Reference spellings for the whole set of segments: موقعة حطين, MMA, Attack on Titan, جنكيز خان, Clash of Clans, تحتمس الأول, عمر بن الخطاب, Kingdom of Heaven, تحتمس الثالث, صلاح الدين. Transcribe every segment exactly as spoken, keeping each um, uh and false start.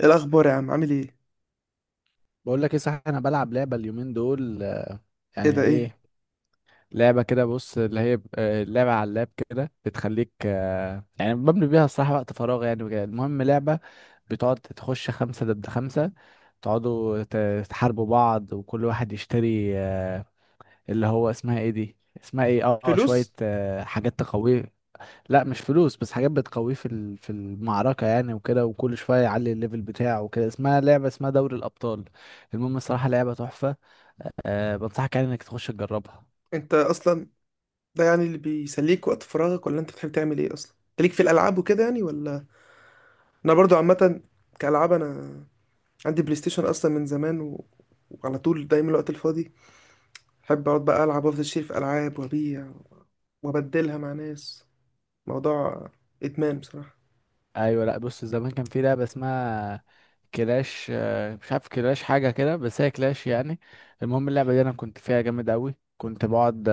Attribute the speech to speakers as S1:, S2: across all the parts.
S1: إيه الاخبار يا عم؟ عامل ايه؟
S2: بقول لك ايه. صح، انا بلعب لعبه اليومين دول آه،
S1: ايه
S2: يعني
S1: ده؟ ايه؟
S2: ايه. لعبه كده، بص، اللي هي ب- آه، لعبه على اللاب كده، بتخليك آه، يعني بملي بيها الصراحه وقت فراغ يعني وكده. المهم لعبه بتقعد تخش خمسه ضد خمسه، تقعدوا ت- تحاربوا بعض وكل واحد يشتري آه، اللي هو اسمها ايه دي، اسمها ايه، اه آه، شويه
S1: فلوس.
S2: آه، حاجات تقويه. لا مش فلوس، بس حاجات بتقويه في ال- في المعركه يعني وكده، وكل شويه يعلي الليفل بتاعه وكده. اسمها لعبه، اسمها دوري الابطال. المهم الصراحه لعبه تحفه، أه بنصحك يعني انك تخش تجربها.
S1: انت اصلا. ده يعني اللي بيسليك وقت فراغك؟ ولا انت بتحب تعمل ايه اصلا؟ انت ليك في الالعاب وكده يعني ولا؟ انا برضو عامه. كالعاب انا. عندي بلاي ستيشن اصلا من زمان و. وعلى طول دايما الوقت الفاضي بحب اقعد بقى العب وافضل اشتري في العاب وابيع وابدلها مع ناس. موضوع ادمان بصراحه.
S2: ايوه، لا بص، زمان كان في لعبه اسمها كلاش، أه مش عارف كلاش حاجه كده، بس هي كلاش يعني. المهم اللعبه دي انا كنت فيها جامد قوي، كنت بقعد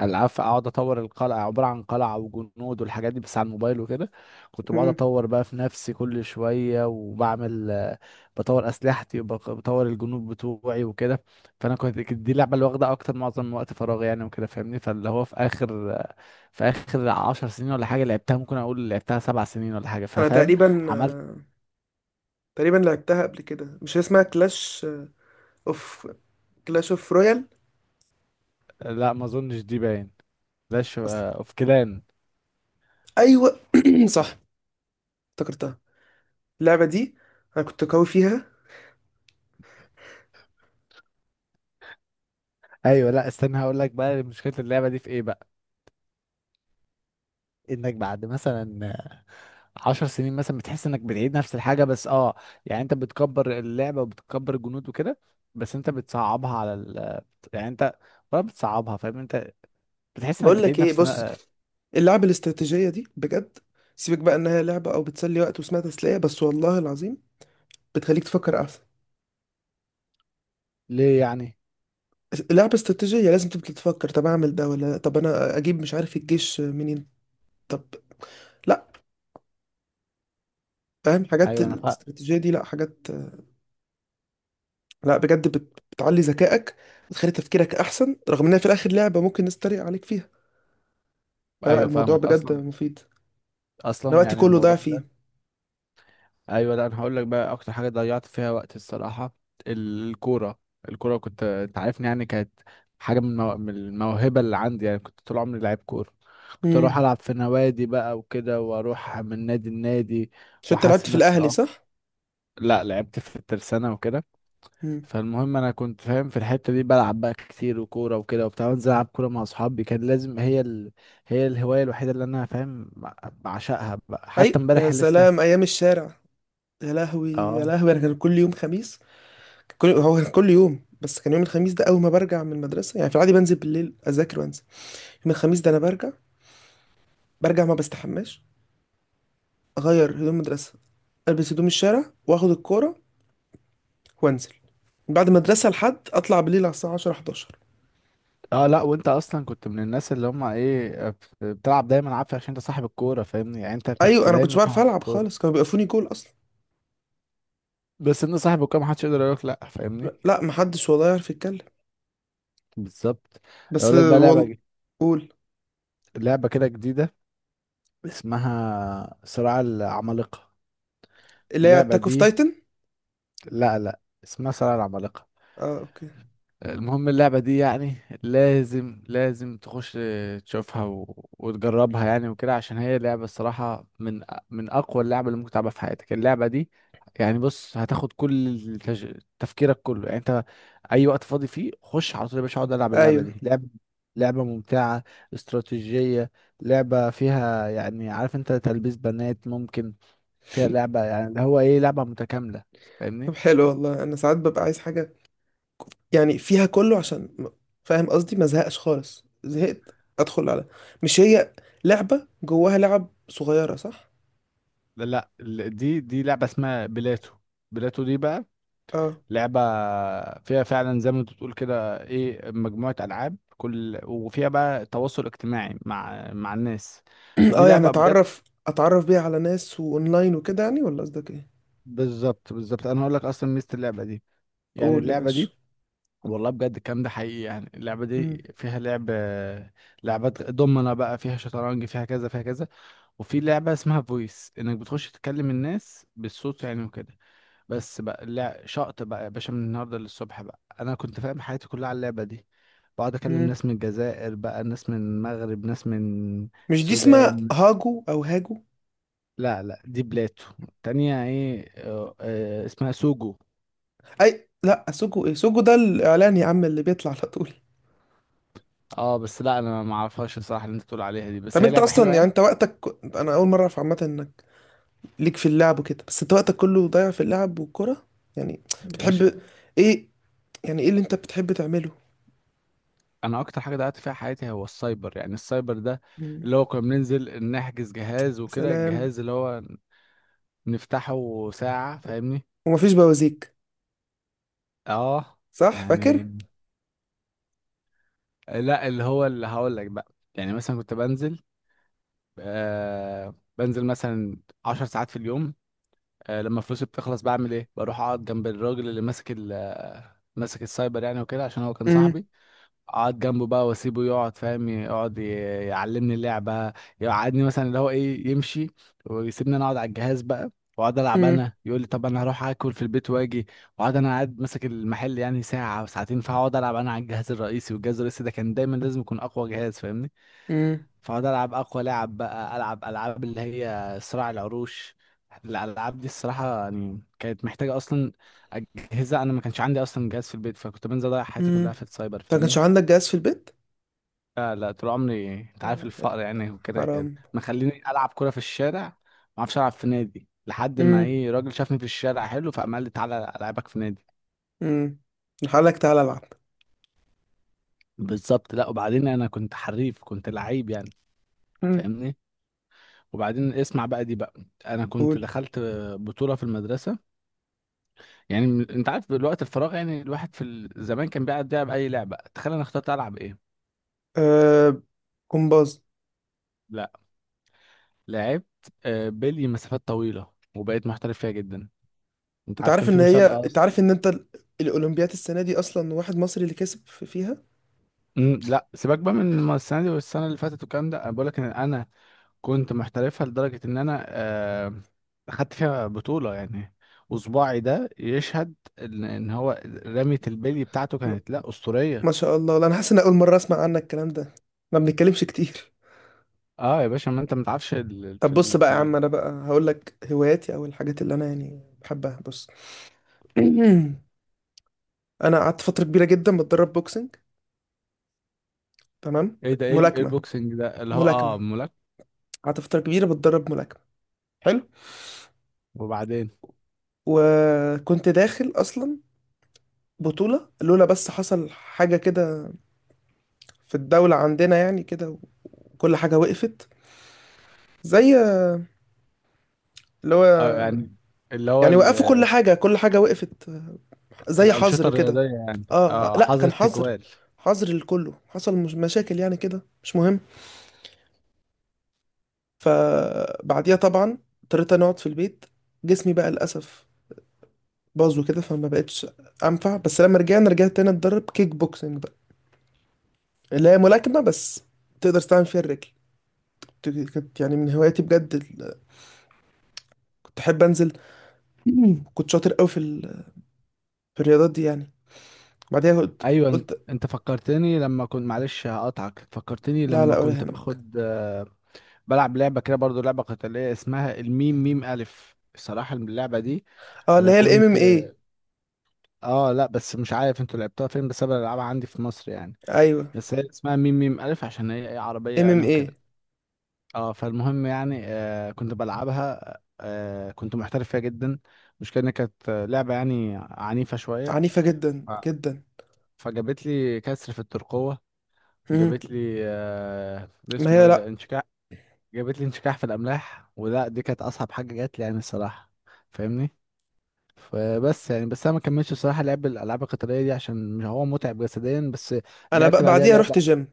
S2: العاب اقعد اطور القلعه، عباره عن قلعه وجنود والحاجات دي، بس على الموبايل وكده. كنت بقعد
S1: امم.
S2: اطور بقى في نفسي كل شويه وبعمل آه، بطور اسلحتي وبطور الجنود بتوعي وكده. فانا كنت، كانت دي اللعبه اللي واخده اكتر معظم وقت فراغي يعني وكده، فاهمني. فاللي هو في اخر آه، في اخر عشر سنين ولا حاجه لعبتها، ممكن اقول لعبتها سبع سنين ولا حاجه،
S1: انا
S2: ففاهم
S1: تقريبا
S2: عملت.
S1: تقريبا لعبتها قبل كده، مش هي اسمها كلاش اوف كلاش اوف رويال
S2: لا ما اظنش دي، باين كلاش
S1: اصلا.
S2: اوف كلان.
S1: ايوه صح، افتكرتها، اللعبة دي أنا كنت قوي فيها.
S2: ايوه، لا استنى هقول لك بقى مشكله اللعبه دي في ايه بقى. انك بعد مثلا عشر سنين مثلا بتحس انك بتعيد نفس الحاجة، بس اه، يعني انت بتكبر اللعبة وبتكبر الجنود وكده، بس انت بتصعبها على ال، يعني انت ولا بتصعبها، فاهم انت، بتحس انك
S1: بقول لك
S2: بتعيد
S1: إيه،
S2: نفس.
S1: بص، اللعبة الاستراتيجية دي بجد، سيبك بقى إنها لعبة أو بتسلي وقت واسمها تسلية بس، والله العظيم بتخليك تفكر أحسن.
S2: ليه يعني؟
S1: لعبة استراتيجية، لازم تبقى تفكر طب أعمل ده ولا طب أنا أجيب مش عارف الجيش منين. طب لأ، فاهم حاجات
S2: ايوه انا فا...
S1: الاستراتيجية دي، لأ حاجات، لأ بجد بت- بتعلي ذكائك، بتخلي تفكيرك أحسن، رغم إنها في الآخر لعبة ممكن الناس تتريق عليك فيها، فلأ
S2: ايوه
S1: الموضوع
S2: فاهمك
S1: بجد
S2: اصلا،
S1: مفيد. أنا
S2: اصلا
S1: وقتي
S2: يعني
S1: كله ضاع
S2: الموضوع
S1: فيه.
S2: ده. ايوه، لا انا هقول لك بقى اكتر حاجه ضيعت فيها وقت الصراحه، الكوره. الكوره كنت، انت عارفني يعني، كانت حاجه من المو... من الموهبه اللي عندي يعني. كنت طول عمري لعيب كوره، كنت اروح
S1: امم.
S2: العب في نوادي بقى وكده، واروح من نادي لنادي
S1: عشان أنت لعبت
S2: واحسن
S1: في
S2: نفسي
S1: الأهلي،
S2: اكتر.
S1: صح؟
S2: لا لعبت في الترسانه وكده. فالمهم انا كنت فاهم في الحته دي، بلعب بقى كتير وكوره وكده وبتاع، وانزل العب كوره مع اصحابي. كان لازم هي ال... هي الهوايه الوحيده اللي انا فاهم بعشقها بقى، حتى
S1: اي يا
S2: امبارح لسه.
S1: سلام ايام الشارع، يا لهوي يا
S2: اه.
S1: لهوي، انا كان كل يوم خميس، كان كل هو كان كل يوم، بس كان يوم الخميس ده اول ما برجع من المدرسه يعني، في العادي بنزل بالليل اذاكر وانزل. يوم الخميس ده انا برجع برجع ما بستحماش، اغير هدوم مدرسه، البس هدوم الشارع واخد الكوره وانزل من بعد المدرسه لحد اطلع بالليل على الساعه عشره حداشر.
S2: اه، لا وانت اصلا كنت من الناس اللي هم ايه، بت- بتلعب دايما عافية، عشان انت صاحب الكورة فاهمني، يعني انت كنت
S1: ايوه، انا كنتش
S2: دايما
S1: بعرف
S2: صاحب
S1: العب خالص،
S2: الكورة.
S1: كانوا بيقفوني جول اصلا.
S2: بس انت صاحب الكورة محدش يقدر يقولك لا، فاهمني.
S1: لا محدش والله يعرف يتكلم.
S2: بالظبط.
S1: بس
S2: اقول لك بقى لعبة
S1: والله.
S2: ج-
S1: قول.
S2: لعبة كده جديدة، اسمها صراع العمالقة.
S1: اللي هي
S2: اللعبة
S1: اتاك اوف
S2: دي،
S1: تايتن.
S2: لا لا اسمها صراع العمالقة.
S1: اه اوكي.
S2: المهم اللعبة دي يعني لازم لازم تخش تشوفها و... وتجربها يعني وكده، عشان هي لعبة الصراحة من من أقوى اللعبة اللي ممكن تلعبها في حياتك. اللعبة دي يعني، بص، هتاخد كل التج... تفكيرك كله يعني. انت أي وقت فاضي فيه خش على طول يا باشا، اقعد ألعب اللعبة
S1: ايوه.
S2: دي. لعبة، لعبة ممتعة، استراتيجية، لعبة فيها، يعني عارف انت، تلبيس بنات ممكن، فيها لعبة، يعني اللي هو ايه، لعبة متكاملة،
S1: طب
S2: فاهمني.
S1: حلو والله، انا ساعات ببقى عايز حاجه يعني فيها كله، عشان م- فاهم قصدي، ما زهقش خالص، زهقت ادخل على مش هي، لعبة جواها لعب صغيرة، صح؟
S2: لا لا، ال- دي دي لعبة اسمها بلاتو. بلاتو دي بقى
S1: اه
S2: لعبة فيها فعلا زي ما انت بتقول كده ايه، مجموعة ألعاب كل، وفيها بقى تواصل اجتماعي مع مع الناس. فدي
S1: اه يعني
S2: لعبة بجد.
S1: اتعرف اتعرف بيها على ناس واونلاين وكده يعني، ولا قصدك ايه؟
S2: بالظبط بالظبط، انا هقول لك اصلا ميزة اللعبة دي، يعني
S1: قول يا
S2: اللعبة
S1: باشا.
S2: دي، والله بجد الكلام ده حقيقي. يعني اللعبة دي
S1: مم.
S2: فيها لعب، لعبات دومنا بقى، فيها شطرنج، فيها كذا فيها كذا، وفي لعبة اسمها فويس انك بتخش تكلم الناس بالصوت يعني وكده. بس بقى لا شقط بقى يا باشا، من النهارده للصبح بقى انا كنت فاهم حياتي كلها على اللعبه دي. بقعد اكلم
S1: مم.
S2: ناس من الجزائر بقى، ناس من المغرب، ناس من
S1: مش دي اسمها
S2: السودان.
S1: هاجو او هاجو؟
S2: لا لا دي بلاتو، تانية ايه، آه، آه، اسمها سوجو.
S1: اي لا سوجو، ايه سوجو ده الاعلان يا عم اللي بيطلع على طول.
S2: اه بس لا انا ما اعرفهاش الصراحه اللي انت بتقول عليها دي، بس
S1: طب
S2: هي
S1: انت
S2: لعبه
S1: اصلا
S2: حلوه
S1: يعني
S2: يعني.
S1: انت وقتك، انا اول مره اعرف عامه انك ليك في اللعب وكده، بس انت وقتك كله ضايع في اللعب والكره يعني،
S2: يا باشا،
S1: بتحب ايه؟ يعني ايه اللي انت بتحب تعمله؟
S2: انا اكتر حاجه ضيعت فيها حياتي هو السايبر، يعني السايبر ده
S1: مم.
S2: اللي هو كنا بننزل نحجز جهاز وكده.
S1: سلام.
S2: الجهاز اللي هو نفتحه ساعه، فاهمني.
S1: ومفيش بوازيك؟
S2: اه
S1: صح
S2: يعني.
S1: فاكر.
S2: لا اللي هو اللي هقول لك بقى، يعني مثلا كنت بنزل، آه بنزل مثلا عشر ساعات في اليوم. آه لما فلوسي بتخلص بعمل ايه، بروح اقعد جنب الراجل اللي ماسك ال- آه، ماسك السايبر يعني وكده، عشان هو كان
S1: امم.
S2: صاحبي. اقعد جنبه بقى واسيبه يقعد، فاهم، يقعد ي- يعلمني اللعبه. يقعدني مثلا اللي هو ايه، يمشي ويسيبني انا اقعد على الجهاز بقى، واقعد العب
S1: امم.
S2: انا. يقول لي طب انا هروح اكل في البيت واجي، واقعد انا قاعد ماسك المحل يعني ساعه او ساعتين، فاقعد العب انا على الجهاز الرئيسي. والجهاز الرئيسي ده كان دايما لازم يكون اقوى جهاز، فاهمني.
S1: امم.
S2: فاقعد العب اقوى لعب بقى، العب العاب اللي هي صراع العروش. الالعاب دي الصراحه يعني كانت محتاجه اصلا اجهزه، انا ما كانش عندي اصلا جهاز في البيت، فكنت بنزل اضيع حياتي
S1: امم
S2: كلها في السايبر،
S1: انت ما كانش
S2: فاهمني.
S1: عندك جهاز في البيت؟
S2: لا لا، طول عمري انت عارف الفقر يعني وكده، يعني
S1: حرام.
S2: مخليني العب كرة في الشارع، ما اعرفش العب في نادي لحد ما
S1: امم.
S2: ايه، راجل شافني في الشارع حلو، فقام قال لي تعالى العبك في نادي.
S1: امم. لك تعالى العب.
S2: بالظبط. لا وبعدين انا كنت حريف، كنت لعيب يعني،
S1: امم.
S2: فاهمني. وبعدين اسمع بقى دي بقى، انا كنت
S1: قول.
S2: دخلت بطولة في المدرسة. يعني من- انت عارف الوقت الفراغ يعني، الواحد في ال- زمان كان بيقعد يلعب اي لعبة. تخيل انا اخترت العب ايه.
S1: آه. كومباز.
S2: لا لعبت آه، بلي مسافات طويلة، وبقيت محترف فيها جدا. انت
S1: انت
S2: عارف
S1: عارف
S2: كان في
S1: ان هي
S2: مسابقة
S1: انت
S2: اصلا.
S1: عارف ان انت ال- الاولمبيات السنه دي اصلا واحد مصري اللي كسب في- فيها؟
S2: مم، لا سيبك بقى من الم- السنه دي والسنه اللي فاتت والكلام ده، انا بقول لك ان انا كنت محترفها لدرجه ان انا آه، اخدت فيها بطوله يعني. وصباعي ده يشهد ان إن هو رمية البلي بتاعته
S1: م-
S2: كانت لا اسطوريه.
S1: ما شاء الله، لا انا حاسس ان اول مره اسمع عنك الكلام ده، ما بنتكلمش كتير.
S2: اه يا باشا، ما انت ما تعرفش ال- في
S1: طب بص
S2: ال...
S1: بقى
S2: في
S1: يا عم،
S2: ال...
S1: انا بقى هقول لك هواياتي او الحاجات اللي انا يعني بحبها، بص انا قعدت فتره كبيره جدا بتدرب بوكسنج. تمام.
S2: ايه ده، ايه ال- إيه
S1: ملاكمه.
S2: البوكسنج ده، اللي هو
S1: ملاكمه.
S2: اه ملاك.
S1: قعدت فتره كبيره بتدرب ملاكمه. حلو.
S2: وبعدين،
S1: وكنت داخل اصلا بطوله، لولا بس حصل حاجه كده في الدوله عندنا يعني كده، وكل حاجه وقفت، زي اللي هو
S2: اه يعني، اللي هو
S1: يعني،
S2: ال...
S1: وقفوا كل حاجه، كل حاجه وقفت، زي
S2: الانشطه
S1: حظر كده.
S2: الرياضيه يعني،
S1: اه
S2: اه
S1: لا
S2: حظر
S1: كان حظر،
S2: تجوال.
S1: حظر لكله حصل مش مشاكل يعني كده مش مهم. فبعديها طبعا اضطريت أنا اقعد في البيت، جسمي بقى للاسف باظوا كده، فما بقتش انفع، بس لما رجعنا رجعت تاني اتدرب كيك بوكسنج بقى، اللي هي ملاكمة بس تقدر تستعمل فيها الرجل. كنت- كانت يعني من هواياتي بجد، ال كنت احب انزل، كنت شاطر قوي في، ال... في الرياضات دي يعني. بعديها قلت
S2: ايوه
S1: قلت
S2: انت فكرتني، لما كنت، معلش هقطعك، فكرتني
S1: لا
S2: لما
S1: لا ولا
S2: كنت
S1: يهمك.
S2: باخد، آه، بلعب لعبه كده برضو، لعبه قتاليه، اسمها الميم ميم الف. الصراحه اللعبه دي
S1: اه اللي
S2: انا
S1: هي الام
S2: كنت،
S1: ام اي.
S2: اه لا بس مش عارف انتوا لعبتوها فين، بس انا بلعبها عندي في مصر يعني.
S1: ايوه
S2: بس هي اسمها ميم ميم الف، عشان هي إيه، عربيه
S1: ام ام
S2: يعني
S1: اي.
S2: وكده. اه فالمهم يعني، آه كنت بلعبها، آه كنت محترف فيها جدا. المشكله إن كانت آه، لعبه يعني عنيفه شويه.
S1: عنيفة جدا
S2: ف-
S1: جدا.
S2: فجابت لي كسر في الترقوه.
S1: مم.
S2: جابت لي آه،
S1: ما
S2: اسمه
S1: هي
S2: ايه ده،
S1: لا،
S2: انشكاح. جابت لي انشكاح في الاملاح، ولا دي كانت اصعب حاجه جات لي يعني الصراحه، فاهمني. فبس يعني، بس انا ما كملتش الصراحه لعب الالعاب القتاليه دي، عشان هو متعب جسديا بس.
S1: انا بقى
S2: لعبت بعدها
S1: بعديها
S2: لعبه،
S1: رحت جيم.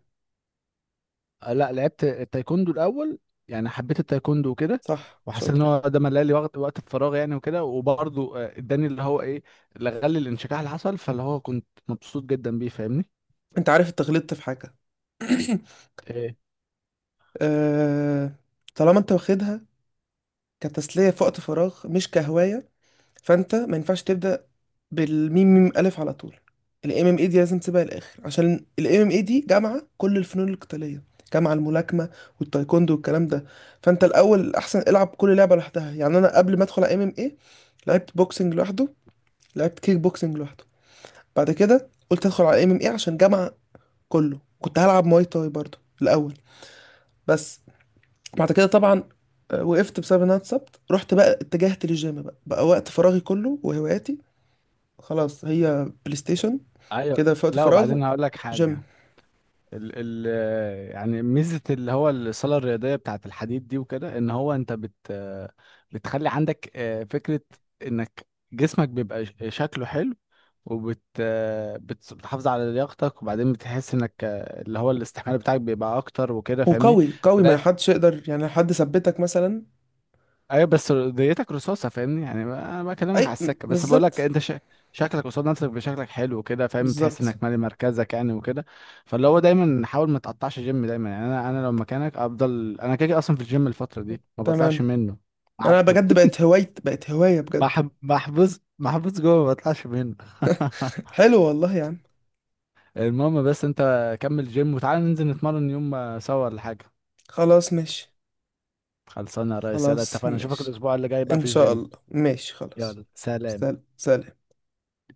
S2: آه، لا لعبت التايكوندو الاول، يعني حبيت التايكوندو وكده.
S1: صح
S2: وحسيت ان
S1: شاطر.
S2: هو ده ملأ لي وقت وقت الفراغ يعني وكده، وبرضه آه، اداني اللي هو ايه، لغلي الانشكاح اللي حصل. فاللي هو كنت مبسوط جدا بيه، فاهمني.
S1: انت عارف اتغلطت في حاجة
S2: ايه.
S1: آه. طالما انت واخدها كتسلية في وقت فراغ مش كهواية، فأنت ما ينفعش تبدأ بالميم ميم ألف على طول، ال إم إم إيه دي لازم تسيبها للآخر، عشان ال M M A دي جامعة كل الفنون القتالية، جامعة الملاكمة والتايكوندو والكلام ده. فأنت الأول الأحسن العب كل لعبة لوحدها، يعني أنا قبل ما أدخل على إم إم إيه لعبت بوكسنج لوحده، لعبت كيك بوكسنج لوحده، بعد كده قلت أدخل على إم إم إيه عشان جامعة كله، كنت هلعب مواي تاي برضه الأول. بس بعد كده طبعا آه، وقفت بسبب ان انا اتصبت، رحت بقى اتجهت للجيم، بقى بقى وقت فراغي كله وهواياتي خلاص هي بلاي ستيشن،
S2: ايوه،
S1: كده في وقت
S2: لا
S1: فراغ
S2: وبعدين هقول لك
S1: جيم.
S2: حاجه. ال ال يعني ميزة اللي هو الصالة الرياضية بتاعت الحديد دي وكده، ان هو انت بت، بتخلي عندك آه، فكرة انك جسمك بيبقى ش- شكله حلو، وبت آه، بت- بتحافظ على لياقتك. وبعدين بتحس انك آه، اللي هو الاستحمال بتاعك بيبقى اكتر وكده، فاهمني.
S1: وقوي قوي، ما
S2: فده.
S1: حدش يقدر يعني حد ثبتك مثلا.
S2: ايوه بس ديتك رصاصه، فاهمني يعني، انا بكلمك على
S1: اي م-
S2: السكه، بس بقول لك
S1: بالظبط.
S2: انت شا... شكلك قصاد نفسك بشكلك حلو كده، فاهم، تحس
S1: بالظبط.
S2: انك مالي مركزك يعني وكده. فاللي هو دايما حاول ما تقطعش جيم دايما. يعني انا انا لو مكانك افضل، انا كده كده اصلا في الجيم الفتره دي ما بطلعش
S1: تمام.
S2: منه. عب-
S1: انا بجد بقت هواية، بقت هواية بجد
S2: محب- محبوس محبوس جوه، ما بطلعش منه.
S1: حلو والله يا عم.
S2: المهم، بس انت كمل جيم وتعالى ننزل نتمرن يوم آه، سوا ولا حاجه.
S1: خلاص ماشي.
S2: خلصانه يا ريس، يلا
S1: خلاص
S2: اتفقنا اشوفك
S1: ماشي
S2: الاسبوع اللي جاي بقى في
S1: ان شاء
S2: الجيم.
S1: الله، ماشي خلاص.
S2: يلا سلام.
S1: سلام سلام.